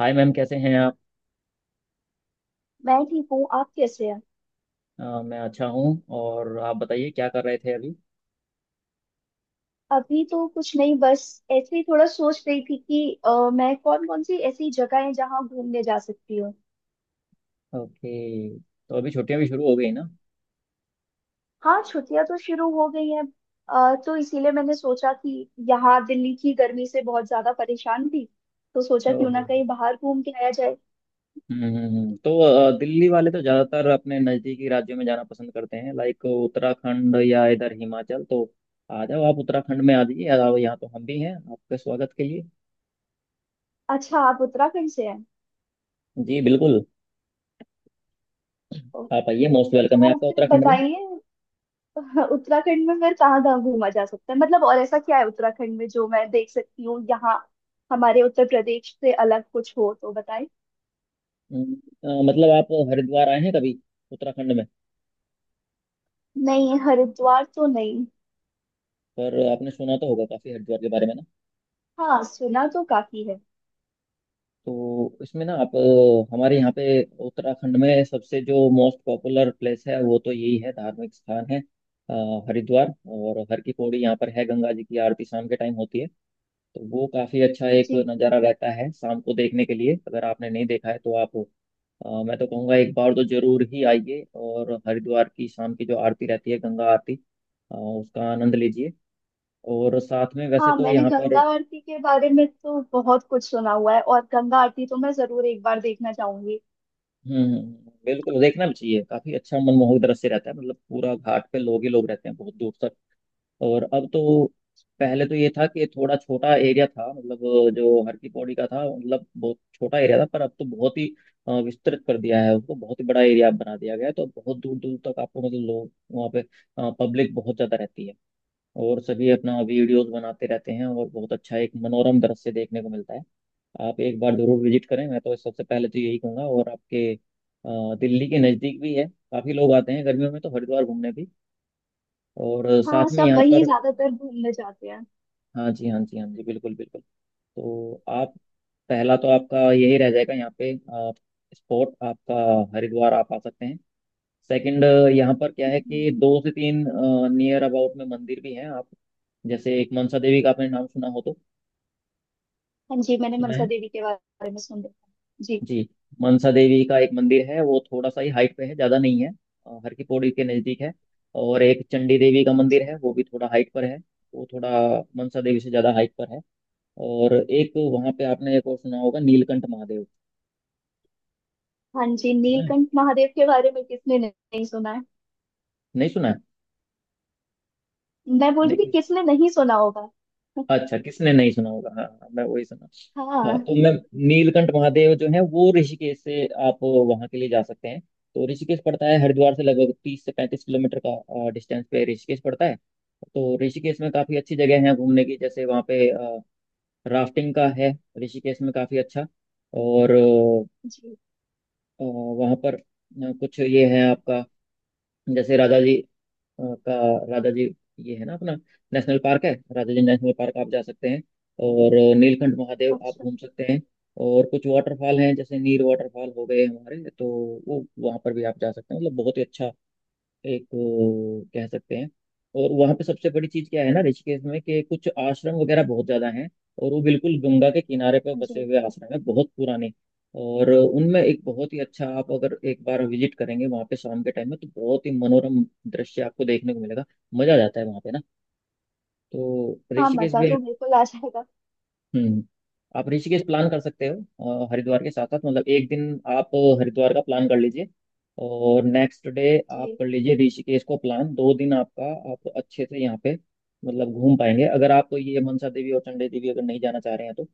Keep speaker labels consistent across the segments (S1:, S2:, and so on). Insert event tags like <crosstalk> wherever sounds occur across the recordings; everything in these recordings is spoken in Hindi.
S1: हाय मैम, कैसे हैं आप।
S2: मैं ठीक हूँ। आप कैसे हैं?
S1: मैं अच्छा हूँ। और आप बताइए क्या कर रहे थे अभी।
S2: अभी तो कुछ नहीं, बस ऐसे ही थोड़ा सोच रही थी कि मैं कौन कौन सी ऐसी जगह है जहाँ घूमने जा सकती हूँ।
S1: ओके। तो अभी छुट्टियां भी शुरू हो गई ना।
S2: हाँ, छुट्टियाँ तो शुरू हो गई हैं। तो इसीलिए मैंने सोचा कि यहाँ दिल्ली की गर्मी से बहुत ज्यादा परेशान थी, तो सोचा क्यों ना
S1: ओहो।
S2: कहीं बाहर घूम के आया जाए।
S1: तो दिल्ली वाले तो ज़्यादातर अपने नज़दीकी राज्यों में जाना पसंद करते हैं, लाइक उत्तराखंड या इधर हिमाचल, तो आ जाओ। आप उत्तराखंड में आ जाइए, जाओ, यहाँ तो हम भी हैं आपके स्वागत के लिए।
S2: अच्छा, आप उत्तराखंड से हैं?
S1: जी बिल्कुल।
S2: ओ।
S1: आप आइए, मोस्ट वेलकम है
S2: तो
S1: आपका
S2: फिर
S1: उत्तराखंड में।
S2: बताइए, हाँ, उत्तराखंड में फिर कहाँ कहाँ घूमा जा सकता है, मतलब और ऐसा क्या है उत्तराखंड में जो मैं देख सकती हूँ यहाँ हमारे उत्तर प्रदेश से अलग कुछ हो तो बताएं।
S1: मतलब आप हरिद्वार आए हैं कभी उत्तराखंड में?
S2: नहीं, हरिद्वार तो नहीं।
S1: पर आपने सुना तो होगा काफ़ी हरिद्वार के बारे में।
S2: हाँ, सुना तो काफी है।
S1: तो इसमें ना आप, हमारे यहाँ पे उत्तराखंड में सबसे जो मोस्ट पॉपुलर प्लेस है वो तो यही है, धार्मिक स्थान है, हरिद्वार और हर की पौड़ी यहाँ पर है। गंगा जी की आरती शाम के टाइम होती है, तो वो काफी अच्छा एक
S2: जी।
S1: नज़ारा रहता है शाम को देखने के लिए। अगर आपने नहीं देखा है तो आप, मैं तो कहूँगा एक बार तो जरूर ही आइए, और हरिद्वार की शाम की जो आरती रहती है, गंगा आरती, उसका आनंद लीजिए। और साथ में वैसे
S2: हाँ,
S1: तो
S2: मैंने
S1: यहाँ
S2: गंगा
S1: पर।
S2: आरती के बारे में तो बहुत कुछ सुना हुआ है, और गंगा आरती तो मैं जरूर एक बार देखना चाहूंगी।
S1: हम्म। बिल्कुल, देखना भी चाहिए, काफी अच्छा मनमोहक दृश्य रहता है, मतलब पूरा घाट पे लोग ही लोग रहते हैं बहुत दूर तक। और अब तो, पहले तो ये था कि थोड़ा छोटा एरिया था, मतलब जो हर की पौड़ी का था, मतलब बहुत छोटा एरिया था, पर अब तो बहुत ही विस्तृत कर दिया है उसको, बहुत ही बड़ा एरिया बना दिया गया है। तो बहुत दूर दूर तक आपको मतलब लोग वहाँ पे, पब्लिक बहुत ज्यादा रहती है, और सभी अपना वीडियोस बनाते रहते हैं, और बहुत अच्छा एक मनोरम दृश्य देखने को मिलता है। आप एक बार जरूर विजिट करें, मैं तो सबसे पहले तो यही कहूंगा, और आपके दिल्ली के नज़दीक भी है, काफ़ी लोग आते हैं गर्मियों में तो हरिद्वार घूमने भी। और साथ
S2: हाँ,
S1: में
S2: सब
S1: यहाँ
S2: वहीं
S1: पर।
S2: ज्यादातर घूमने जाते हैं।
S1: हाँ जी, हाँ जी, हाँ जी, बिल्कुल बिल्कुल। तो आप, पहला तो आपका यही रह जाएगा यहाँ पे, स्पॉट आपका, हरिद्वार आप आ सकते हैं। सेकंड, यहाँ पर क्या है कि
S2: हम्म।
S1: दो से तीन नियर अबाउट में मंदिर भी हैं आप, जैसे एक मनसा देवी का आपने नाम सुना हो तो।
S2: हाँ जी, मैंने
S1: सुना
S2: मनसा
S1: है?
S2: देवी के बारे में सुन रखा है। जी।
S1: जी। मनसा देवी का एक मंदिर है, वो थोड़ा सा ही हाइट पे है, ज्यादा नहीं है, हर की पौड़ी के नजदीक है। और एक चंडी देवी का मंदिर
S2: अच्छा।
S1: है, वो भी थोड़ा हाइट पर है। वो थोड़ा मनसा देवी से ज्यादा हाइट पर है। और एक वहां पे आपने एक और सुना होगा, नीलकंठ महादेव।
S2: हाँ जी,
S1: सुना है?
S2: नीलकंठ महादेव के बारे में किसने नहीं नहीं सुना है।
S1: नहीं सुना है?
S2: मैं बोल रही थी
S1: नहीं।
S2: किसने नहीं सुना होगा।
S1: अच्छा, किसने नहीं सुना होगा, हाँ हाँ, मैं वही सुना। हाँ
S2: हाँ
S1: तो मैं, नीलकंठ महादेव जो है वो ऋषिकेश से आप वहाँ के लिए जा सकते हैं। तो ऋषिकेश पड़ता है, हरिद्वार से लगभग 30 से 35 किलोमीटर का डिस्टेंस पे ऋषिकेश पड़ता है। तो ऋषिकेश में काफ़ी अच्छी जगह है घूमने की, जैसे वहाँ पे राफ्टिंग का है ऋषिकेश में, काफ़ी अच्छा। और
S2: जी।
S1: वहाँ पर, कुछ ये है आपका, जैसे राजा जी आपका, राजा जी, ये है ना अपना नेशनल पार्क है, राजा जी नेशनल पार्क आप जा सकते हैं। और नीलकंठ महादेव आप
S2: अच्छा।
S1: घूम सकते हैं। और कुछ वाटरफॉल हैं, जैसे नीर वाटरफॉल हो गए हमारे, तो वो वहाँ पर भी आप जा सकते हैं, मतलब बहुत ही अच्छा एक वो कह सकते हैं। और वहाँ पे सबसे बड़ी चीज क्या है ना ऋषिकेश में, कि कुछ आश्रम वगैरह बहुत ज्यादा हैं, और वो बिल्कुल गंगा के किनारे पे बसे
S2: जी।
S1: हुए आश्रम है, बहुत पुराने, और उनमें एक बहुत ही अच्छा, आप अगर एक बार विजिट करेंगे वहाँ पे शाम के टाइम में तो बहुत ही मनोरम दृश्य आपको देखने को मिलेगा। मजा आ जाता है वहाँ पे ना, तो
S2: हाँ,
S1: ऋषिकेश
S2: मजा
S1: भी।
S2: तो बिल्कुल आ जाएगा।
S1: हम्म। आप ऋषिकेश प्लान कर सकते हो हरिद्वार के साथ साथ, मतलब एक दिन आप हरिद्वार का प्लान कर लीजिए और नेक्स्ट डे आप
S2: जी
S1: कर लीजिए ऋषिकेश को प्लान, 2 दिन आपका। आप अच्छे से यहाँ पे मतलब घूम पाएंगे, अगर आप ये मनसा देवी और चंडी देवी अगर नहीं जाना चाह रहे हैं तो,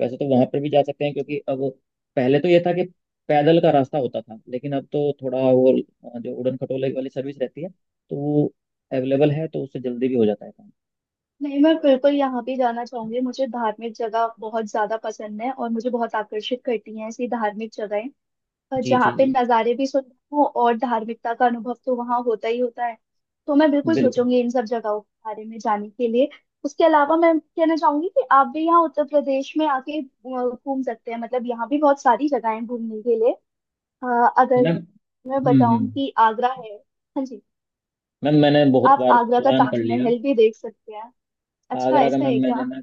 S1: वैसे तो वहां पर भी जा सकते हैं,
S2: जी।
S1: क्योंकि अब, पहले तो ये था कि पैदल का रास्ता होता था, लेकिन अब तो थोड़ा वो, जो उड़न खटोले वाली सर्विस रहती है, तो वो अवेलेबल है, तो उससे जल्दी भी हो जाता है काम।
S2: नहीं, मैं बिल्कुल यहाँ भी जाना चाहूंगी। मुझे धार्मिक जगह बहुत ज्यादा पसंद है और मुझे बहुत आकर्षित करती हैं ऐसी धार्मिक जगहें। और
S1: जी
S2: जहाँ
S1: जी
S2: पे
S1: जी,
S2: नज़ारे भी सुंदर हो और धार्मिकता का अनुभव तो वहाँ होता ही होता है। तो मैं बिल्कुल
S1: बिल्कुल
S2: सोचूंगी इन सब जगहों के बारे में जाने के लिए। उसके अलावा मैं कहना चाहूंगी कि आप भी यहाँ उत्तर प्रदेश में आके घूम सकते हैं, मतलब यहाँ भी बहुत सारी जगहें हैं घूमने के लिए। हाँ, अगर
S1: मैम।
S2: मैं
S1: हम्म।
S2: बताऊं कि आगरा है। हाँ जी।
S1: मैम मैंने बहुत
S2: आप
S1: बार
S2: आगरा का
S1: प्लान कर लिया।
S2: ताजमहल भी देख सकते हैं। अच्छा,
S1: आगरा का
S2: ऐसा
S1: मैम,
S2: है
S1: मैंने
S2: क्या?
S1: ना,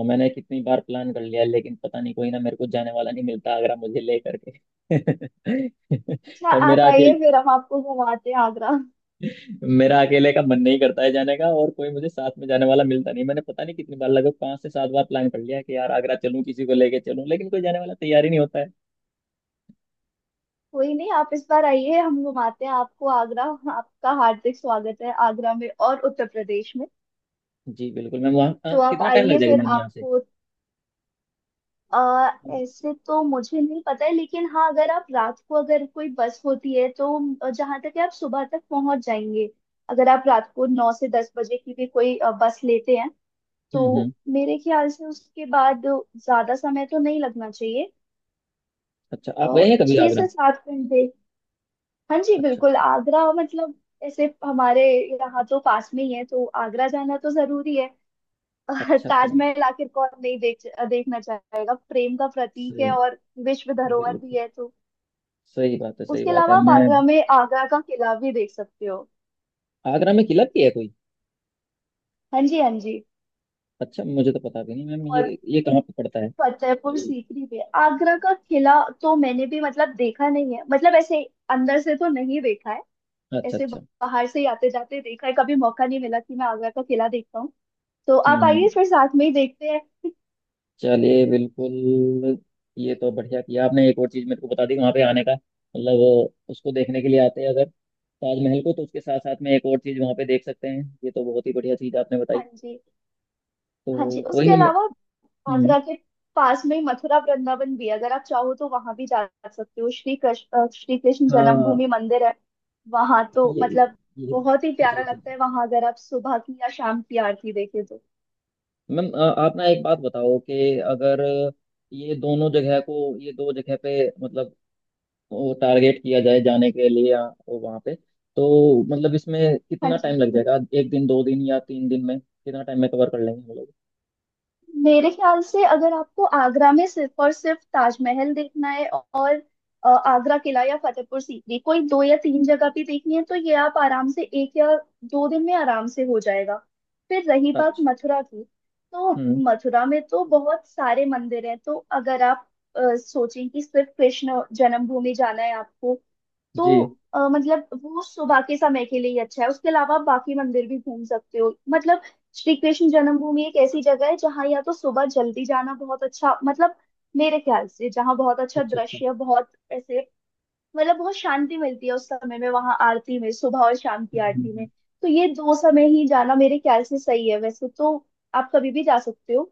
S1: मैंने कितनी बार प्लान कर लिया, लेकिन पता नहीं कोई ना मेरे को जाने वाला नहीं मिलता आगरा मुझे ले करके। <laughs>
S2: अच्छा,
S1: और
S2: आप
S1: मेरा अकेले
S2: आइए, फिर हम आपको घुमाते हैं आगरा।
S1: मेरा अकेले का मन नहीं करता है जाने का, और कोई मुझे साथ में जाने वाला मिलता नहीं, मैंने पता नहीं कितनी बार, लगभग 5 से 7 बार प्लान कर लिया कि यार आगरा चलूं, किसी को लेके चलूं, लेकिन कोई जाने वाला तैयार ही नहीं होता है।
S2: कोई नहीं, आप इस बार आइए, हम घुमाते हैं आपको आगरा। आपका हार्दिक स्वागत है आगरा में और उत्तर प्रदेश में।
S1: जी बिल्कुल मैम, वहाँ
S2: तो आप
S1: कितना टाइम लग
S2: आइए,
S1: जाएगा
S2: फिर
S1: मैम यहाँ से?
S2: आपको आ, ऐसे तो मुझे नहीं पता है, लेकिन हाँ, अगर आप रात को अगर कोई बस होती है तो जहाँ तक है आप सुबह तक पहुंच जाएंगे। अगर आप रात को 9 से 10 बजे की भी कोई बस लेते हैं तो
S1: हम्म।
S2: मेरे ख्याल से उसके बाद ज्यादा समय तो नहीं लगना चाहिए।
S1: अच्छा,
S2: अ,
S1: आप गए हैं कभी
S2: छह
S1: आगरा?
S2: से सात घंटे हाँ जी,
S1: अच्छा
S2: बिल्कुल
S1: अच्छा,
S2: आगरा, मतलब ऐसे हमारे यहाँ तो पास में ही है तो आगरा जाना तो जरूरी है।
S1: अच्छा अच्छा।
S2: ताजमहल आखिर कौन नहीं देखना चाहेगा, प्रेम का प्रतीक
S1: सही।
S2: है और विश्व धरोहर
S1: बिल्कुल,
S2: भी है, तो
S1: सही बात है, सही
S2: उसके
S1: बात
S2: अलावा
S1: है
S2: आप
S1: मैं।
S2: आगरा में आगरा का किला भी देख सकते हो।
S1: आगरा में किला भी है कोई?
S2: हाँ जी, हाँ जी।
S1: अच्छा, मुझे तो पता भी नहीं मैम, ये कहाँ पे पड़ता है?
S2: फतेहपुर सीकरी पे आगरा का किला। तो मैंने भी मतलब देखा नहीं है, मतलब ऐसे अंदर से तो नहीं देखा है।
S1: अच्छा
S2: ऐसे
S1: अच्छा।
S2: बाहर से ही आते जाते देखा है, कभी मौका नहीं मिला कि मैं आगरा का किला देखता हूँ। तो
S1: हम्म
S2: आप आइए,
S1: हम्म।
S2: फिर साथ में ही देखते हैं <laughs>
S1: चलिए बिल्कुल, ये तो बढ़िया किया आपने, एक और चीज मेरे को बता दी वहां पे आने का, मतलब उसको देखने के लिए आते हैं अगर ताजमहल को, तो उसके साथ साथ में एक और चीज वहां पे देख सकते हैं, ये तो बहुत ही बढ़िया चीज आपने बताई।
S2: हाँ जी।
S1: तो
S2: हाँ जी,
S1: कोई
S2: उसके
S1: नहीं,
S2: अलावा
S1: हम्म,
S2: आगरा के पास में ही मथुरा वृंदावन भी है। अगर आप चाहो तो वहां भी जा सकते हो, श्री कृष्ण
S1: हाँ,
S2: जन्मभूमि मंदिर है, वहां तो
S1: ये
S2: मतलब
S1: ये
S2: बहुत ही प्यारा
S1: जी जी
S2: लगता है वहां, अगर आप सुबह की या शाम की आरती देखे तो।
S1: मैम, आप ना एक बात बताओ कि अगर ये दोनों जगह को, ये दो जगह पे मतलब वो टारगेट किया जाए जाने के लिए, या वहाँ पे, तो मतलब इसमें
S2: हाँ
S1: कितना टाइम
S2: जी।
S1: लग जाएगा, एक दिन 2 दिन या 3 दिन में, कितना टाइम में कवर कर लेंगे हम लोग?
S2: मेरे ख्याल से अगर आपको आगरा में सिर्फ और सिर्फ ताजमहल देखना है और आगरा किला या फतेहपुर सीकरी, कोई दो या तीन जगह भी देखनी है, तो ये आप आराम से 1 या 2 दिन में आराम से हो जाएगा। फिर रही बात
S1: अच्छा।
S2: मथुरा की, तो
S1: हम्म।
S2: मथुरा में तो बहुत सारे मंदिर हैं, तो अगर आप सोचें कि सिर्फ कृष्ण जन्मभूमि जाना है आपको, तो
S1: जी।
S2: मतलब वो सुबह के समय के लिए ही अच्छा है। उसके अलावा आप बाकी मंदिर भी घूम सकते हो, मतलब श्री कृष्ण जन्मभूमि एक ऐसी जगह है जहाँ या तो सुबह जल्दी जाना बहुत अच्छा, मतलब मेरे ख्याल से जहाँ बहुत अच्छा
S1: अच्छा अच्छा।
S2: दृश्य, बहुत ऐसे, मतलब बहुत शांति मिलती है उस समय में वहां आरती में, सुबह और शाम की
S1: हम्म हम्म,
S2: आरती में।
S1: हम्म।
S2: तो ये दो समय ही जाना मेरे ख्याल से सही है, वैसे तो आप कभी भी जा सकते हो,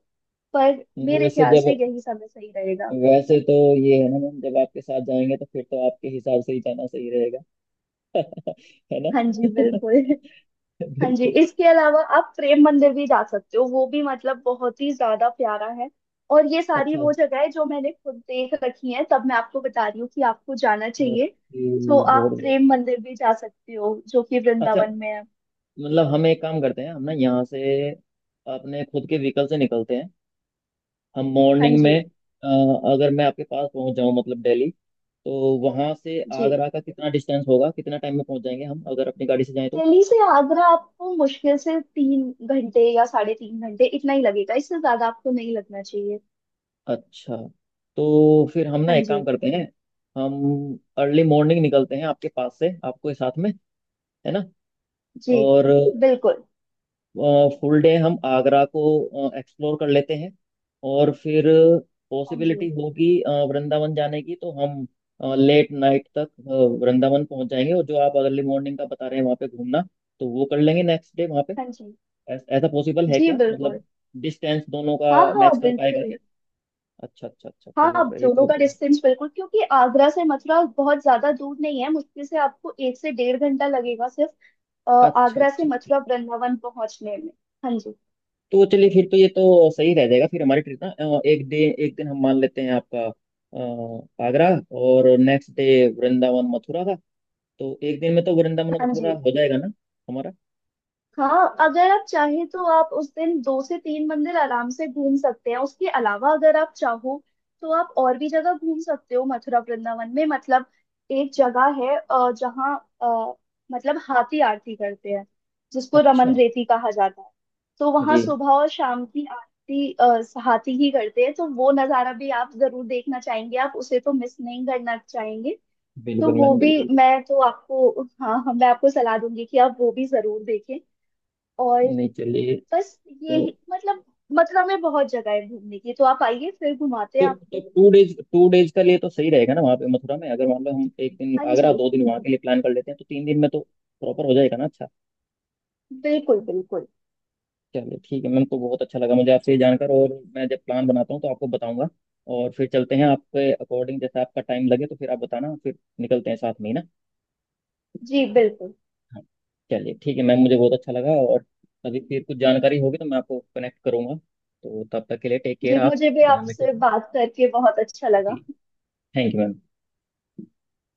S2: पर
S1: नहीं
S2: मेरे
S1: वैसे
S2: ख्याल से
S1: जब,
S2: यही समय सही रहेगा।
S1: वैसे तो ये है ना मैम, जब आपके साथ जाएंगे तो फिर तो आपके हिसाब से ही जाना सही रहेगा। <laughs> है
S2: हाँ जी,
S1: ना?
S2: बिल्कुल।
S1: <laughs>
S2: हाँ जी,
S1: बिल्कुल।
S2: इसके अलावा आप प्रेम मंदिर भी जा सकते हो, वो भी मतलब बहुत ही ज्यादा प्यारा है। और ये सारी
S1: अच्छा
S2: वो जगह है जो मैंने खुद देख रखी है, तब मैं आपको बता रही हूँ कि आपको जाना चाहिए।
S1: ओके,
S2: तो
S1: बहुत
S2: आप
S1: बढ़िया।
S2: प्रेम मंदिर भी जा सकते हो जो कि
S1: अच्छा,
S2: वृंदावन में है।
S1: मतलब हम एक काम करते हैं, हम ना यहाँ से अपने खुद के व्हीकल से निकलते हैं हम
S2: हाँ
S1: मॉर्निंग में।
S2: जी।
S1: अ, अगर मैं आपके पास पहुँच जाऊँ मतलब दिल्ली, तो वहाँ से
S2: जी,
S1: आगरा का कितना डिस्टेंस होगा, कितना टाइम में पहुँच जाएंगे हम, अगर अपनी गाड़ी से जाएं तो?
S2: दिल्ली से आगरा आपको मुश्किल से 3 घंटे या साढ़े 3 घंटे इतना ही लगेगा, इससे ज्यादा आपको नहीं लगना चाहिए।
S1: अच्छा, तो फिर हम ना
S2: हाँ
S1: एक काम
S2: जी।
S1: करते हैं, हम अर्ली मॉर्निंग निकलते हैं आपके पास से, आपको साथ में, है ना?
S2: जी,
S1: और
S2: बिल्कुल।
S1: फुल डे हम आगरा को एक्सप्लोर कर लेते हैं, और फिर
S2: हाँ जी।
S1: पॉसिबिलिटी होगी वृंदावन जाने की, तो हम लेट नाइट तक वृंदावन पहुंच जाएंगे, और जो आप अर्ली मॉर्निंग का बता रहे हैं वहाँ पे घूमना, तो वो कर लेंगे नेक्स्ट डे वहाँ पे।
S2: हाँ जी।
S1: ऐसा पॉसिबल है
S2: जी,
S1: क्या,
S2: बिल्कुल।
S1: मतलब डिस्टेंस दोनों
S2: हाँ
S1: का
S2: हाँ,
S1: मैच कर पाएगा
S2: बिल्कुल।
S1: क्या? अच्छा अच्छा अच्छा,
S2: हाँ, अब
S1: चलिए ये
S2: दोनों
S1: तो
S2: का
S1: बढ़िया।
S2: डिस्टेंस बिल्कुल, क्योंकि आगरा से मथुरा बहुत ज्यादा दूर नहीं है, मुश्किल से आपको 1 से डेढ़ घंटा लगेगा सिर्फ, अ,
S1: अच्छा
S2: आगरा से
S1: अच्छा अच्छा।
S2: मथुरा वृंदावन पहुंचने में। हाँ जी।
S1: तो चलिए फिर तो ये तो सही रह जाएगा, फिर हमारी ट्रिप ना, एक दिन हम मान लेते हैं, आपका आगरा, और नेक्स्ट डे वृंदावन मथुरा का। तो एक दिन में तो वृंदावन
S2: हाँ
S1: मथुरा
S2: जी।
S1: हो जाएगा ना हमारा?
S2: हाँ, अगर आप चाहें तो आप उस दिन दो से तीन मंदिर आराम से घूम सकते हैं। उसके अलावा अगर आप चाहो तो आप और भी जगह घूम सकते हो मथुरा वृंदावन में, मतलब एक जगह है जहाँ अ, मतलब हाथी आरती करते हैं, जिसको रमन
S1: अच्छा।
S2: रेती कहा जाता है। तो वहाँ
S1: जी
S2: सुबह और शाम की आरती हाथी ही करते हैं, तो वो नज़ारा भी आप जरूर देखना चाहेंगे, आप उसे तो मिस नहीं करना चाहेंगे। तो
S1: बिल्कुल
S2: वो
S1: मैम,
S2: भी
S1: बिल्कुल।
S2: मैं तो आपको हाँ हाँ, मैं आपको सलाह दूंगी कि आप वो भी जरूर देखें। और
S1: नहीं चलिए। तो
S2: मतलब मथुरा में बहुत जगह है घूमने की, तो आप आइए, फिर घुमाते हैं
S1: तो
S2: आपको।
S1: टू डेज, टू डेज का लिए तो सही रहेगा ना वहाँ पे मथुरा में, अगर मान लो हम एक दिन
S2: हाँ
S1: आगरा,
S2: जी,
S1: 2 दिन वहाँ के लिए प्लान कर लेते हैं, तो 3 दिन में तो प्रॉपर हो जाएगा ना? अच्छा।
S2: बिल्कुल बिल्कुल।
S1: चलिए ठीक है मैम, तो बहुत अच्छा लगा मुझे आपसे ये जानकर, और मैं जब प्लान बनाता हूँ तो आपको बताऊंगा, और फिर चलते हैं आपके अकॉर्डिंग, जैसे आपका टाइम लगे तो फिर आप बताना, फिर निकलते हैं साथ में ही ना।
S2: जी बिल्कुल।
S1: हाँ, चलिए ठीक है मैम, मुझे बहुत अच्छा लगा, और अभी फिर कुछ जानकारी होगी तो मैं आपको कनेक्ट करूंगा, तो तब तक के लिए टेक केयर
S2: जी,
S1: आप,
S2: मुझे भी
S1: ध्यान
S2: आपसे
S1: रखिए
S2: बात करके बहुत अच्छा लगा।
S1: जी। Thank you ma'am.